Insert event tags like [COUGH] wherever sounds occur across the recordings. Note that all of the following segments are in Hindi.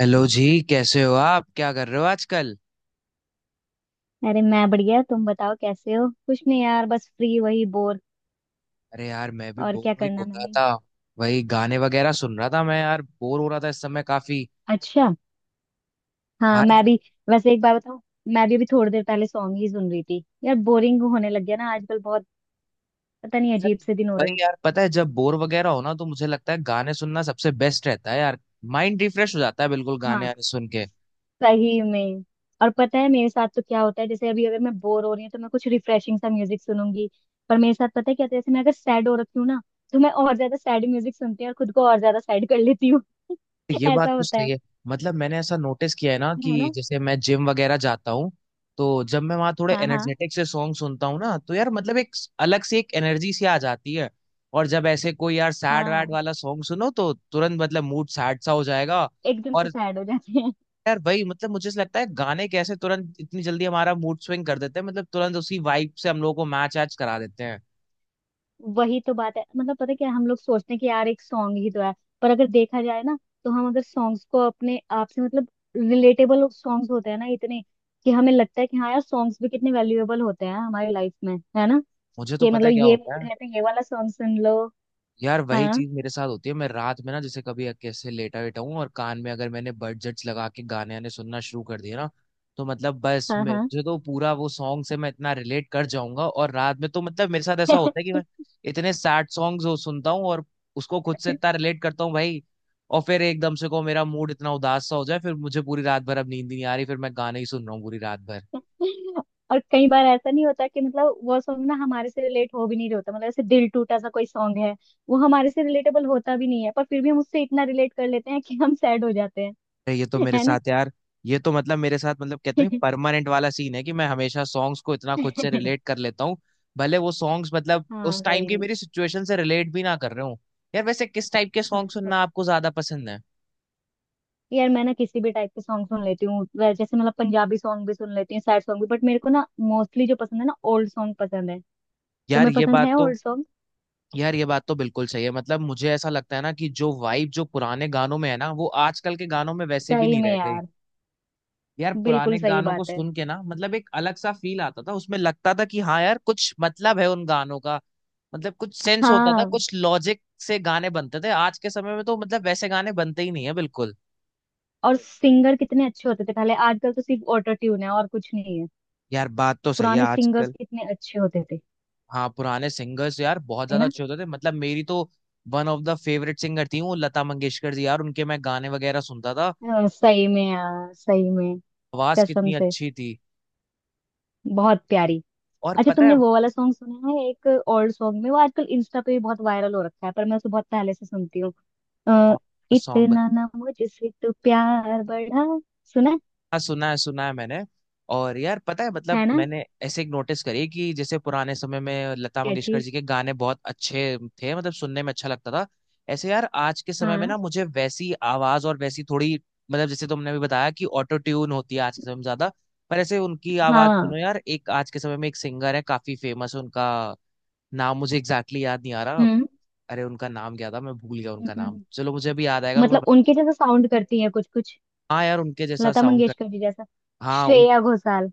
हेलो जी, कैसे हो आप? क्या कर रहे हो आजकल? अरे, मैं बढ़िया। तुम बताओ कैसे हो। कुछ नहीं यार, बस फ्री, वही बोर। अरे यार, मैं भी और बोर क्या हो ही करना हो रहा मैंने। था। वही गाने वगैरह सुन रहा था मैं, यार बोर हो रहा था इस समय काफी। अच्छा। हाँ हाँ मैं यार। भी। वैसे एक बार बताऊं, मैं भी अभी थोड़ी देर पहले सॉन्ग ही सुन रही थी यार। बोरिंग होने लग गया ना आजकल बहुत। पता नहीं, यार अजीब से दिन हो रहे हैं। वही यार, पता है जब बोर वगैरह हो ना तो मुझे लगता है गाने सुनना सबसे बेस्ट रहता है यार। माइंड रिफ्रेश हो जाता है बिल्कुल गाने आने हाँ, सुन के। सही में। और पता है मेरे साथ तो क्या होता है, जैसे अभी अगर मैं बोर हो रही हूँ तो मैं कुछ रिफ्रेशिंग सा म्यूजिक सुनूंगी। पर मेरे साथ पता है क्या होता है, जैसे मैं अगर सैड हो रखी हूँ ना, तो मैं और ज्यादा सैड म्यूजिक सुनती हूँ और खुद को और ज्यादा सैड कर लेती हूँ। [LAUGHS] ये बात ऐसा तो होता सही है। है। मतलब मैंने ऐसा नोटिस किया है ना है कि ना। जैसे मैं जिम वगैरह जाता हूँ, तो जब मैं वहाँ थोड़े हाँ हाँ एनर्जेटिक से सॉन्ग सुनता हूँ ना, तो यार मतलब एक अलग से एक एनर्जी सी आ जाती है। और जब ऐसे कोई यार सैड वैड हाँ, वाला सॉन्ग सुनो, तो तुरंत मतलब मूड सैड सा हो जाएगा। एकदम से और सैड हो जाते हैं। यार वही मतलब, मुझे ऐसा लगता है गाने कैसे तुरंत इतनी जल्दी हमारा मूड स्विंग कर देते हैं। मतलब तुरंत उसी वाइब से हम लोगों को मैच ऐच करा देते हैं। वही तो बात है। मतलब पता है क्या, हम लोग सोचते हैं कि यार एक सॉन्ग ही तो है, पर अगर देखा जाए ना, तो हम अगर सॉन्ग्स को अपने आप से मतलब रिलेटेबल सॉन्ग्स होते हैं ना इतने, कि हमें लगता है कि हाँ यार सॉन्ग्स भी कितने वैल्यूएबल होते हैं हमारी लाइफ में, है ना। मुझे तो कि पता मतलब है क्या ये होता मूड है। है तो ये वाला सॉन्ग सुन लो। यार वही हाँ चीज मेरे साथ होती है। मैं रात में ना जैसे कभी कैसे लेटा वेटा हूँ, और कान में अगर मैंने बडजेट्स लगा के गाने आने सुनना शुरू कर दिए ना, तो मतलब बस मैं हाँ जो तो पूरा वो सॉन्ग से मैं इतना रिलेट कर जाऊंगा। और रात में तो मतलब मेरे साथ ऐसा हाँ। होता है कि मैं इतने सैड सॉन्ग्स हो सुनता हूँ और उसको खुद से [LAUGHS] इतना रिलेट करता हूँ भाई। और फिर एकदम से को मेरा मूड इतना उदास सा हो जाए, फिर मुझे पूरी रात भर अब नींद ही नहीं आ रही, फिर मैं गाने ही सुन रहा हूँ पूरी रात भर। और कई बार ऐसा नहीं होता कि मतलब वो सॉन्ग ना हमारे से रिलेट हो भी नहीं रहा होता। मतलब ऐसे दिल टूटा सा कोई सॉन्ग है, वो हमारे से रिलेटेबल होता भी नहीं है, पर फिर भी हम उससे इतना रिलेट कर लेते हैं कि हम सैड हो जाते हैं। अरे ये तो मेरे है ना। साथ यार, ये तो मतलब मेरे साथ मतलब कहते नहीं, परमानेंट वाला सीन है कि मैं हमेशा सॉन्ग्स को इतना खुद से रिलेट [LAUGHS] कर लेता हूँ। भले वो सॉन्ग्स मतलब उस हाँ, टाइम सही की में। मेरी सिचुएशन से रिलेट भी ना कर रहे हूँ। यार वैसे किस टाइप के हाँ, सॉन्ग तो सुनना आपको ज्यादा पसंद है? यार मैं ना किसी भी टाइप के सॉन्ग सुन लेती हूँ। जैसे मतलब पंजाबी सॉन्ग भी सुन लेती हूँ, सैड सॉन्ग भी, बट मेरे को ना मोस्टली जो पसंद है ना, ओल्ड सॉन्ग पसंद है। यार तुम्हें ये पसंद बात है तो ओल्ड सॉन्ग। यार ये बात तो बिल्कुल सही है। मतलब मुझे ऐसा लगता है ना कि जो वाइब जो पुराने गानों में है ना, वो आजकल के गानों में वैसे भी सही नहीं रह में गई। यार। यार बिल्कुल पुराने सही गानों को बात है। सुन के ना, मतलब एक अलग सा फील आता था, उसमें लगता था कि हाँ यार कुछ मतलब है उन गानों का। मतलब कुछ सेंस होता था, हाँ। कुछ लॉजिक से गाने बनते थे। आज के समय में तो मतलब वैसे गाने बनते ही नहीं है बिल्कुल। और सिंगर कितने अच्छे होते थे पहले। आजकल तो सिर्फ ऑटो ट्यून है और कुछ नहीं है। यार बात तो सही है पुराने सिंगर्स आजकल। कितने अच्छे होते थे। हाँ पुराने सिंगर्स यार बहुत है ज्यादा ना। अच्छे होते थे। मतलब मेरी तो one of the favourite singer थी वो लता मंगेशकर जी। यार उनके मैं गाने वगैरह सुनता था। सही में यार, सही में। आवाज कसम कितनी से, अच्छी थी। बहुत प्यारी। और अच्छा पता है, तुमने वो वाला सॉन्ग सुना है, एक ओल्ड सॉन्ग में, वो आजकल इंस्टा पे भी बहुत वायरल हो रखा है पर मैं उसे बहुत पहले से सुनती हूँ। अ, कौन सा सॉन्ग? इतना ना मुझसे तो प्यार बढ़ा। सुना हाँ सुना है, सुना है मैंने। और यार पता है, है मतलब ना। मैंने ऐसे एक नोटिस करी कि जैसे पुराने समय में लता क्या मंगेशकर चीज। जी के गाने बहुत अच्छे थे, मतलब सुनने में अच्छा लगता था। ऐसे यार आज के समय में हाँ ना, मुझे वैसी आवाज और वैसी थोड़ी मतलब जैसे तुमने भी बताया कि ऑटो ट्यून होती है आज के समय में ज्यादा। पर ऐसे उनकी आवाज हाँ। सुनो यार, एक आज के समय में एक सिंगर है, काफी फेमस है। उनका नाम मुझे एग्जैक्टली याद नहीं आ रहा। हम्म। अरे उनका नाम क्या था, मैं भूल गया हम्म, उनका नाम। हम्म। चलो मुझे अभी याद आएगा तो मैं मतलब उनके जैसा साउंड करती है कुछ कुछ। हाँ यार उनके जैसा लता साउंड कर। मंगेशकर जी जैसा। हाँ, श्रेया घोषाल।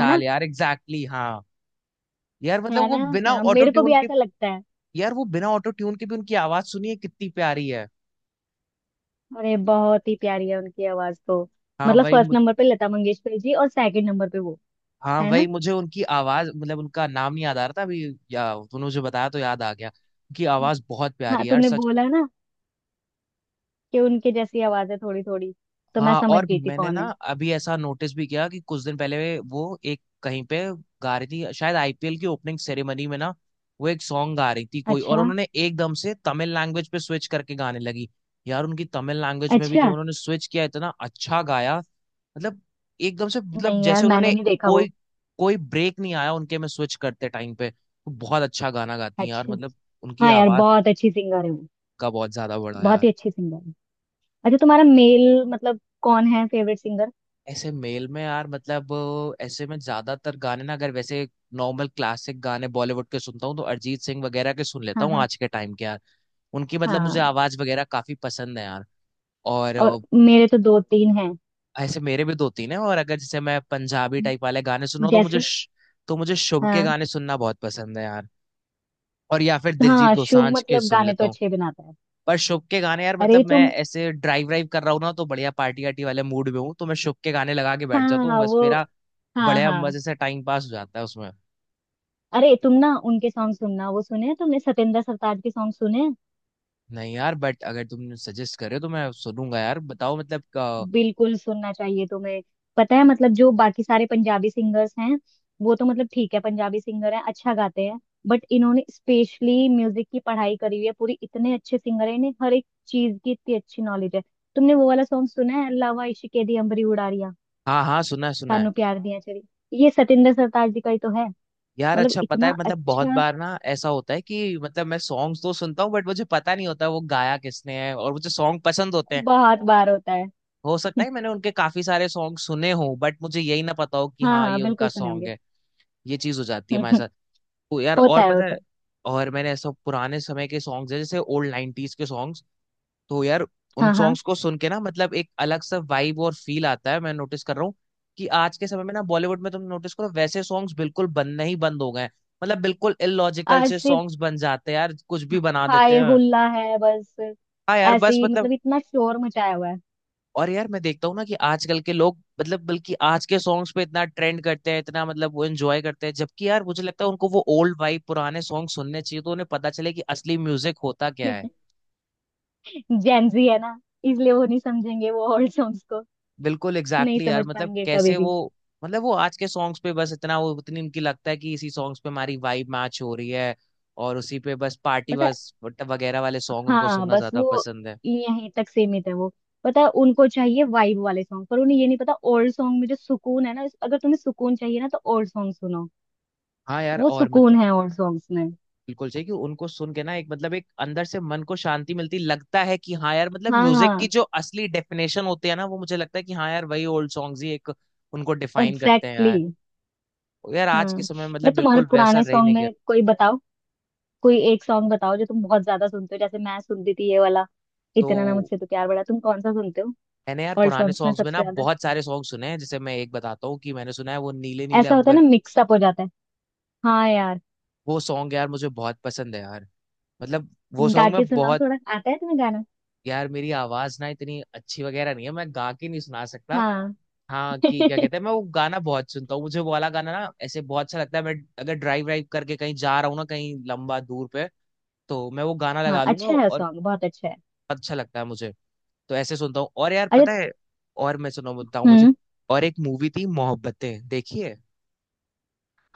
है ना। यार एग्जैक्टली, हाँ। यार मतलब है ना। वो बिना हाँ, ऑटो मेरे को भी ट्यून के, ऐसा लगता है। यार वो बिना ऑटो ट्यून के भी उनकी आवाज सुनिए कितनी प्यारी है। अरे बहुत ही प्यारी है उनकी आवाज तो। हाँ मतलब भाई फर्स्ट मुझ, नंबर पे लता मंगेशकर जी और सेकंड नंबर पे वो। हाँ है ना। भाई मुझे उनकी आवाज मतलब उनका नाम नहीं याद आ रहा था अभी। या तूने मुझे बताया तो याद आ गया। उनकी आवाज बहुत प्यारी हाँ है यार, तुमने सच। बोला ना कि उनके जैसी आवाज है थोड़ी थोड़ी, तो मैं हाँ समझ और गई थी मैंने कौन ना है। अभी ऐसा नोटिस भी किया कि कुछ दिन पहले वो एक कहीं पे गा रही थी, शायद आईपीएल की ओपनिंग सेरेमनी में ना। वो एक सॉन्ग गा रही थी कोई, और अच्छा। उन्होंने एकदम से तमिल लैंग्वेज पे स्विच करके गाने लगी। यार उनकी तमिल लैंग्वेज में भी जब अच्छा। उन्होंने स्विच किया, इतना अच्छा गाया। मतलब एकदम से मतलब नहीं यार, जैसे मैंने उन्होंने नहीं देखा कोई वो। कोई ब्रेक नहीं आया उनके में स्विच करते टाइम पे। तो बहुत अच्छा गाना गाती हैं यार, अच्छा। मतलब उनकी हाँ यार, आवाज बहुत अच्छी सिंगर है वो। का बहुत ज्यादा बड़ा। बहुत ही अच्छी सिंगर है। अच्छा, तुम्हारा मेल मतलब कौन है फेवरेट सिंगर। ऐसे मेल में यार, मतलब ऐसे में ज्यादातर गाने ना, अगर वैसे नॉर्मल क्लासिक गाने बॉलीवुड के सुनता हूँ, तो अरिजीत सिंह वगैरह के सुन लेता हाँ हूँ हाँ आज के टाइम के यार। उनकी मतलब हाँ। मुझे आवाज वगैरह काफी पसंद है यार। और और मेरे तो दो तीन हैं। ऐसे मेरे भी दो तीन है। और अगर जैसे मैं पंजाबी टाइप वाले गाने सुन रहा हूँ, तो मुझे जैसे। तो मुझे शुभ के हाँ गाने सुनना बहुत पसंद है यार। और या फिर दिलजीत हाँ। शुभ दोसांझ के मतलब सुन गाने लेता तो हूँ। अच्छे बनाता है। पर शुभ के गाने यार, अरे मतलब मैं तुम। ऐसे ड्राइव ड्राइव कर रहा हूँ ना, तो बढ़िया पार्टी वार्टी वाले मूड में हूँ, तो मैं शुभ के गाने लगा के बैठ जाता हूँ हाँ बस वो। मेरा, हाँ बढ़िया हाँ। मजे से टाइम पास हो जाता है उसमें। अरे तुम ना उनके सॉन्ग सुनना, वो सुने हैं तुमने, सतेंद्र सरताज के सॉन्ग सुने हैं? नहीं यार, बट अगर तुम सजेस्ट करे तो मैं सुनूंगा यार, बताओ मतलब बिल्कुल सुनना चाहिए तुम्हें। पता है मतलब जो बाकी सारे पंजाबी सिंगर्स हैं, वो तो मतलब ठीक है, पंजाबी सिंगर हैं अच्छा गाते हैं। बट इन्होंने स्पेशली म्यूजिक की पढ़ाई करी हुई है पूरी, इतने अच्छे सिंगर है, इन्हें हर एक चीज की इतनी अच्छी नॉलेज है। तुमने वो वाला सॉन्ग सुना है, अल्लाह इश्क के दी अंबरी उड़ारिया, हाँ हाँ, सुना है सुना है। तानू प्यार दिया चली। ये सतेंद्र सरताज जी का ही तो है। यार मतलब अच्छा, पता है इतना मतलब बहुत अच्छा। बार ना ऐसा होता है कि मतलब मैं सॉन्ग्स तो सुनता हूँ बट मुझे पता नहीं होता वो गाया किसने है, और मुझे सॉन्ग पसंद होते हैं। बहुत बार होता है। हो सकता [LAUGHS] है मैंने उनके काफी सारे सॉन्ग सुने हों, बट मुझे यही ना पता हो कि हाँ हाँ हाँ, ये उनका बिल्कुल सुने सॉन्ग होंगे। है। ये चीज हो जाती है हमारे [LAUGHS] साथ। तो यार होता और है पता होता है, है। और मैंने ऐसा पुराने समय के सॉन्ग्स है जैसे ओल्ड 90s के सॉन्ग्स, तो यार उन हाँ हाँ। सॉन्ग्स को सुन के ना, मतलब एक अलग सा वाइब और फील आता है। मैं नोटिस कर रहा हूँ कि आज के समय में ना बॉलीवुड में तुम नोटिस करो, वैसे सॉन्ग्स बिल्कुल बनना ही बंद हो गए हैं। मतलब बिल्कुल इलॉजिकल आज से सिर्फ सॉन्ग्स बन जाते हैं यार, कुछ भी बना देते हाय हैं। हुल्ला है बस। हाँ यार, ऐसे बस ही, मतलब। मतलब इतना शोर मचाया हुआ है। और यार मैं देखता हूँ ना कि आजकल के लोग, मतलब बल्कि आज के सॉन्ग्स पे इतना ट्रेंड करते हैं, इतना मतलब वो एंजॉय करते हैं, जबकि यार मुझे लगता है उनको वो ओल्ड वाइब पुराने सॉन्ग सुनने चाहिए तो उन्हें पता चले कि असली म्यूजिक होता क्या है। [LAUGHS] जेंजी है ना, इसलिए वो नहीं समझेंगे वो ओल्ड सॉन्ग्स को। बिल्कुल एग्जैक्टली नहीं यार, समझ मतलब पाएंगे कभी कैसे वो, भी। मतलब वो आज के सॉन्ग्स पे बस इतना वो उतनी उनकी लगता है कि इसी सॉन्ग्स पे हमारी वाइब मैच हो रही है। और उसी पे बस पार्टी पता है। बस वगैरह वाले सॉन्ग उनको हाँ सुनना बस ज्यादा वो पसंद है। यहीं तक सीमित है वो। पता है, उनको चाहिए वाइब वाले सॉन्ग, पर उन्हें ये नहीं पता ओल्ड सॉन्ग में जो सुकून है ना, अगर तुम्हें सुकून चाहिए ना तो ओल्ड सॉन्ग सुनो। हाँ यार वो और मतलब सुकून है ओल्ड सॉन्ग्स में। बिल्कुल सही कि उनको सुन के ना, एक मतलब एक अंदर से मन को शांति मिलती, लगता है कि हाँ यार मतलब हाँ म्यूजिक की हाँ। जो असली डेफिनेशन होती है ना, वो मुझे लगता है कि हाँ यार वही ओल्ड सॉन्ग्स ही एक उनको डिफाइन करते हैं एग्जैक्टली यार। exactly, यार हाँ। आज के समय में मैं मतलब तुम्हारे बिल्कुल वैसा पुराने रह ही सॉन्ग नहीं गया। में कोई बताओ, कोई एक सॉन्ग बताओ जो तुम बहुत ज्यादा सुनते हो। जैसे मैं सुनती थी ये वाला, तो इतना ना मुझसे तो प्यार बड़ा। तुम कौन सा सुनते हो मैंने यार ओल्ड पुराने सॉन्ग्स में सॉन्ग्स में सबसे ना ज्यादा। बहुत सारे सॉन्ग सुने हैं। जैसे मैं एक बताता हूँ कि मैंने सुना है वो नीले नीले ऐसा होता है अंबर। ना, मिक्सअप हो जाता है। हाँ यार। वो सॉन्ग यार मुझे बहुत पसंद है यार। मतलब वो गा सॉन्ग के में सुनाओ, बहुत, थोड़ा आता है तुम्हें गाना। यार मेरी आवाज ना इतनी अच्छी वगैरह नहीं है, मैं गा के नहीं सुना सकता। हाँ। हाँ, कि क्या [LAUGHS] कहते हैं, मैं वो गाना बहुत सुनता हूँ, मुझे वो वाला गाना ना ऐसे बहुत अच्छा लगता है। मैं अगर ड्राइव ड्राइव करके कहीं जा रहा हूँ ना, कहीं लंबा दूर पे, तो मैं वो गाना हाँ लगा लूंगा अच्छा है, और सॉन्ग बहुत अच्छा है। अच्छा लगता है मुझे। तो ऐसे सुनता हूँ और यार अरे। पता है, और मैं सुना बताऊँ मुझे, हम्म। और एक मूवी थी मोहब्बतें देखिए।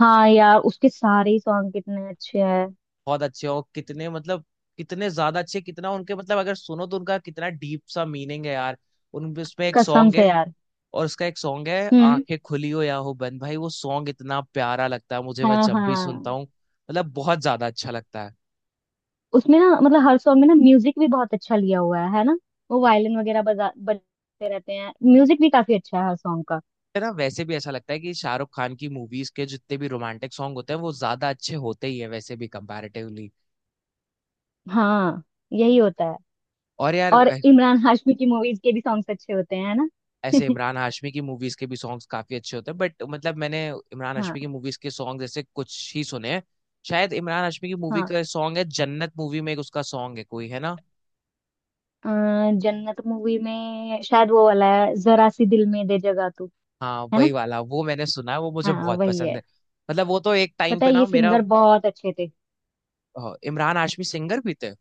हाँ यार, उसके सारे ही सॉन्ग कितने अच्छे हैं। बहुत अच्छे और कितने मतलब, कितने ज्यादा अच्छे, कितना उनके मतलब अगर सुनो तो उनका कितना डीप सा मीनिंग है यार। उन उसमें एक कसम सॉन्ग से है, यार। और उसका एक सॉन्ग है हम्म। आंखें खुली हो या हो बंद, भाई वो सॉन्ग इतना प्यारा लगता है, मुझे मैं हाँ जब भी सुनता हाँ। हूँ, मतलब बहुत ज्यादा अच्छा लगता है। उसमें ना मतलब हर सॉन्ग में ना म्यूजिक भी बहुत अच्छा लिया हुआ है ना। वो वायलिन वगैरह बजा बजते रहते हैं, म्यूजिक भी काफी अच्छा है हर सॉन्ग का। है ना, वैसे भी ऐसा लगता है कि शाहरुख खान की मूवीज के जितने भी रोमांटिक सॉन्ग होते हैं वो ज्यादा अच्छे होते ही है वैसे भी कंपैरेटिवली। हाँ। यही होता है। और यार और इमरान हाशमी की मूवीज के भी सॉन्ग्स अच्छे होते हैं, है ना। ऐसे [LAUGHS] इमरान हाशमी की मूवीज के भी सॉन्ग्स काफी अच्छे होते हैं, बट मतलब मैंने इमरान हाशमी की हाँ मूवीज के सॉन्ग जैसे कुछ ही सुने हैं। शायद इमरान हाशमी की मूवी का हाँ। सॉन्ग है, जन्नत मूवी में एक उसका सॉन्ग है कोई, है ना? अ, जन्नत मूवी में शायद वो वाला है, जरा सी दिल में दे जगह तू। हाँ है ना। वही वाला, वो मैंने सुना है, वो मुझे हाँ बहुत वही पसंद है। है। मतलब वो तो एक टाइम पता पे है ये ना मेरा, सिंगर बहुत अच्छे थे। इमरान हाशमी सिंगर भी थे?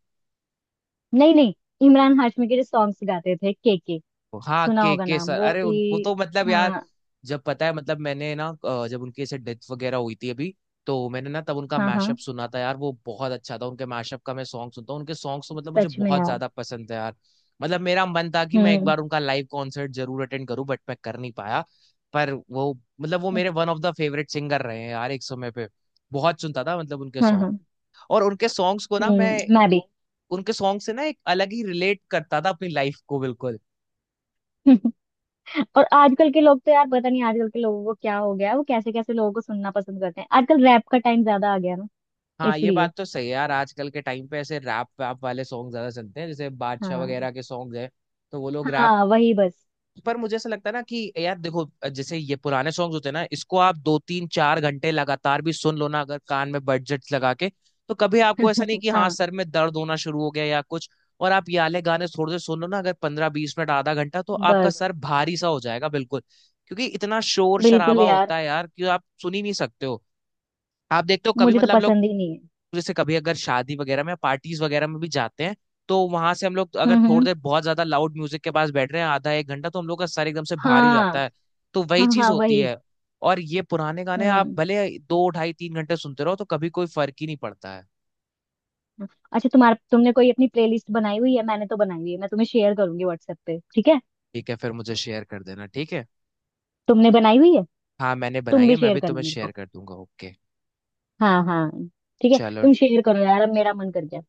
नहीं नहीं, इमरान हाशमी के जो सॉन्ग्स गाते थे के के। हाँ, सुना होगा के नाम सर, वो अरे उन वो भी। तो मतलब यार, हाँ जब पता है मतलब मैंने ना जब उनकी ऐसे डेथ वगैरह हुई थी अभी, तो मैंने ना तब उनका हाँ मैशअप हाँ। सुना था यार, वो बहुत अच्छा था। उनके मैशअप का मैं सॉन्ग सुनता हूँ, उनके सॉन्ग्स तो मतलब मुझे सच में बहुत यार। ज्यादा पसंद है यार। मतलब मेरा मन था कि मैं एक हम्म। बार उनका लाइव कॉन्सर्ट जरूर अटेंड करूँ, बट मैं कर नहीं पाया। पर वो, मतलब वो मेरे one of the favourite singer रहे हैं यार एक समय पे। बहुत सुनता था मतलब उनके हाँ सॉन्ग। हाँ। और उनके सॉन्ग्स को ना मैं, हम्म, मैं भी। उनके सॉन्ग से ना एक अलग ही रिलेट करता था अपनी लाइफ को बिल्कुल। [LAUGHS] और आजकल के लोग तो यार, पता नहीं आजकल के लोगों को क्या हो गया है, वो कैसे कैसे लोगों को सुनना पसंद करते हैं। आजकल रैप का टाइम ज्यादा आ गया ना, हाँ ये इसलिए। बात तो सही है यार, आजकल के टाइम पे ऐसे रैप वैप वाले सॉन्ग ज्यादा चलते हैं, जैसे बादशाह हाँ वगैरह के सॉन्ग हैं। तो वो लोग रैप, हाँ वही बस। पर मुझे ऐसा लगता है ना कि यार देखो, जैसे ये पुराने सॉन्ग्स होते हैं ना, इसको आप 2 3 4 घंटे लगातार भी सुन लो ना अगर कान में बजट लगा के, तो कभी आपको ऐसा नहीं [LAUGHS] कि हाँ हाँ सर में दर्द होना शुरू हो गया या कुछ। और आप ये वाले गाने थोड़े से सुन लो ना अगर 15 20 मिनट आधा घंटा, तो आपका बस। सर भारी सा हो जाएगा बिल्कुल। क्योंकि इतना शोर बिल्कुल शराबा यार। होता है यार कि आप सुन ही नहीं सकते हो। आप देखते हो कभी, मुझे तो मतलब हम लोग पसंद ही नहीं है। जैसे कभी अगर शादी वगैरह में, पार्टीज वगैरह में भी जाते हैं, तो वहां से हम लोग अगर थोड़ी हम्म। देर बहुत ज्यादा लाउड म्यूजिक के पास बैठ रहे हैं आधा 1 घंटा, तो हम लोग का सर एकदम से भारी हो जाता हाँ है। तो वही हाँ चीज हाँ होती वही। है। और ये पुराने गाने आप हम्म। भले 2 ढाई 3 घंटे सुनते रहो, तो कभी कोई फर्क ही नहीं पड़ता है। अच्छा, तुम्हारा तुमने कोई अपनी प्लेलिस्ट बनाई हुई है। मैंने तो बनाई हुई है, मैं तुम्हें शेयर करूंगी व्हाट्सएप पे, ठीक है। ठीक है, फिर मुझे शेयर कर देना, ठीक है। तुमने बनाई हुई है। हाँ मैंने तुम बनाई है, भी मैं शेयर भी करना तुम्हें मेरे शेयर को। कर दूंगा, ओके। हाँ हाँ। ठीक है, चलो। तुम शेयर करो यार, अब मेरा मन कर गया।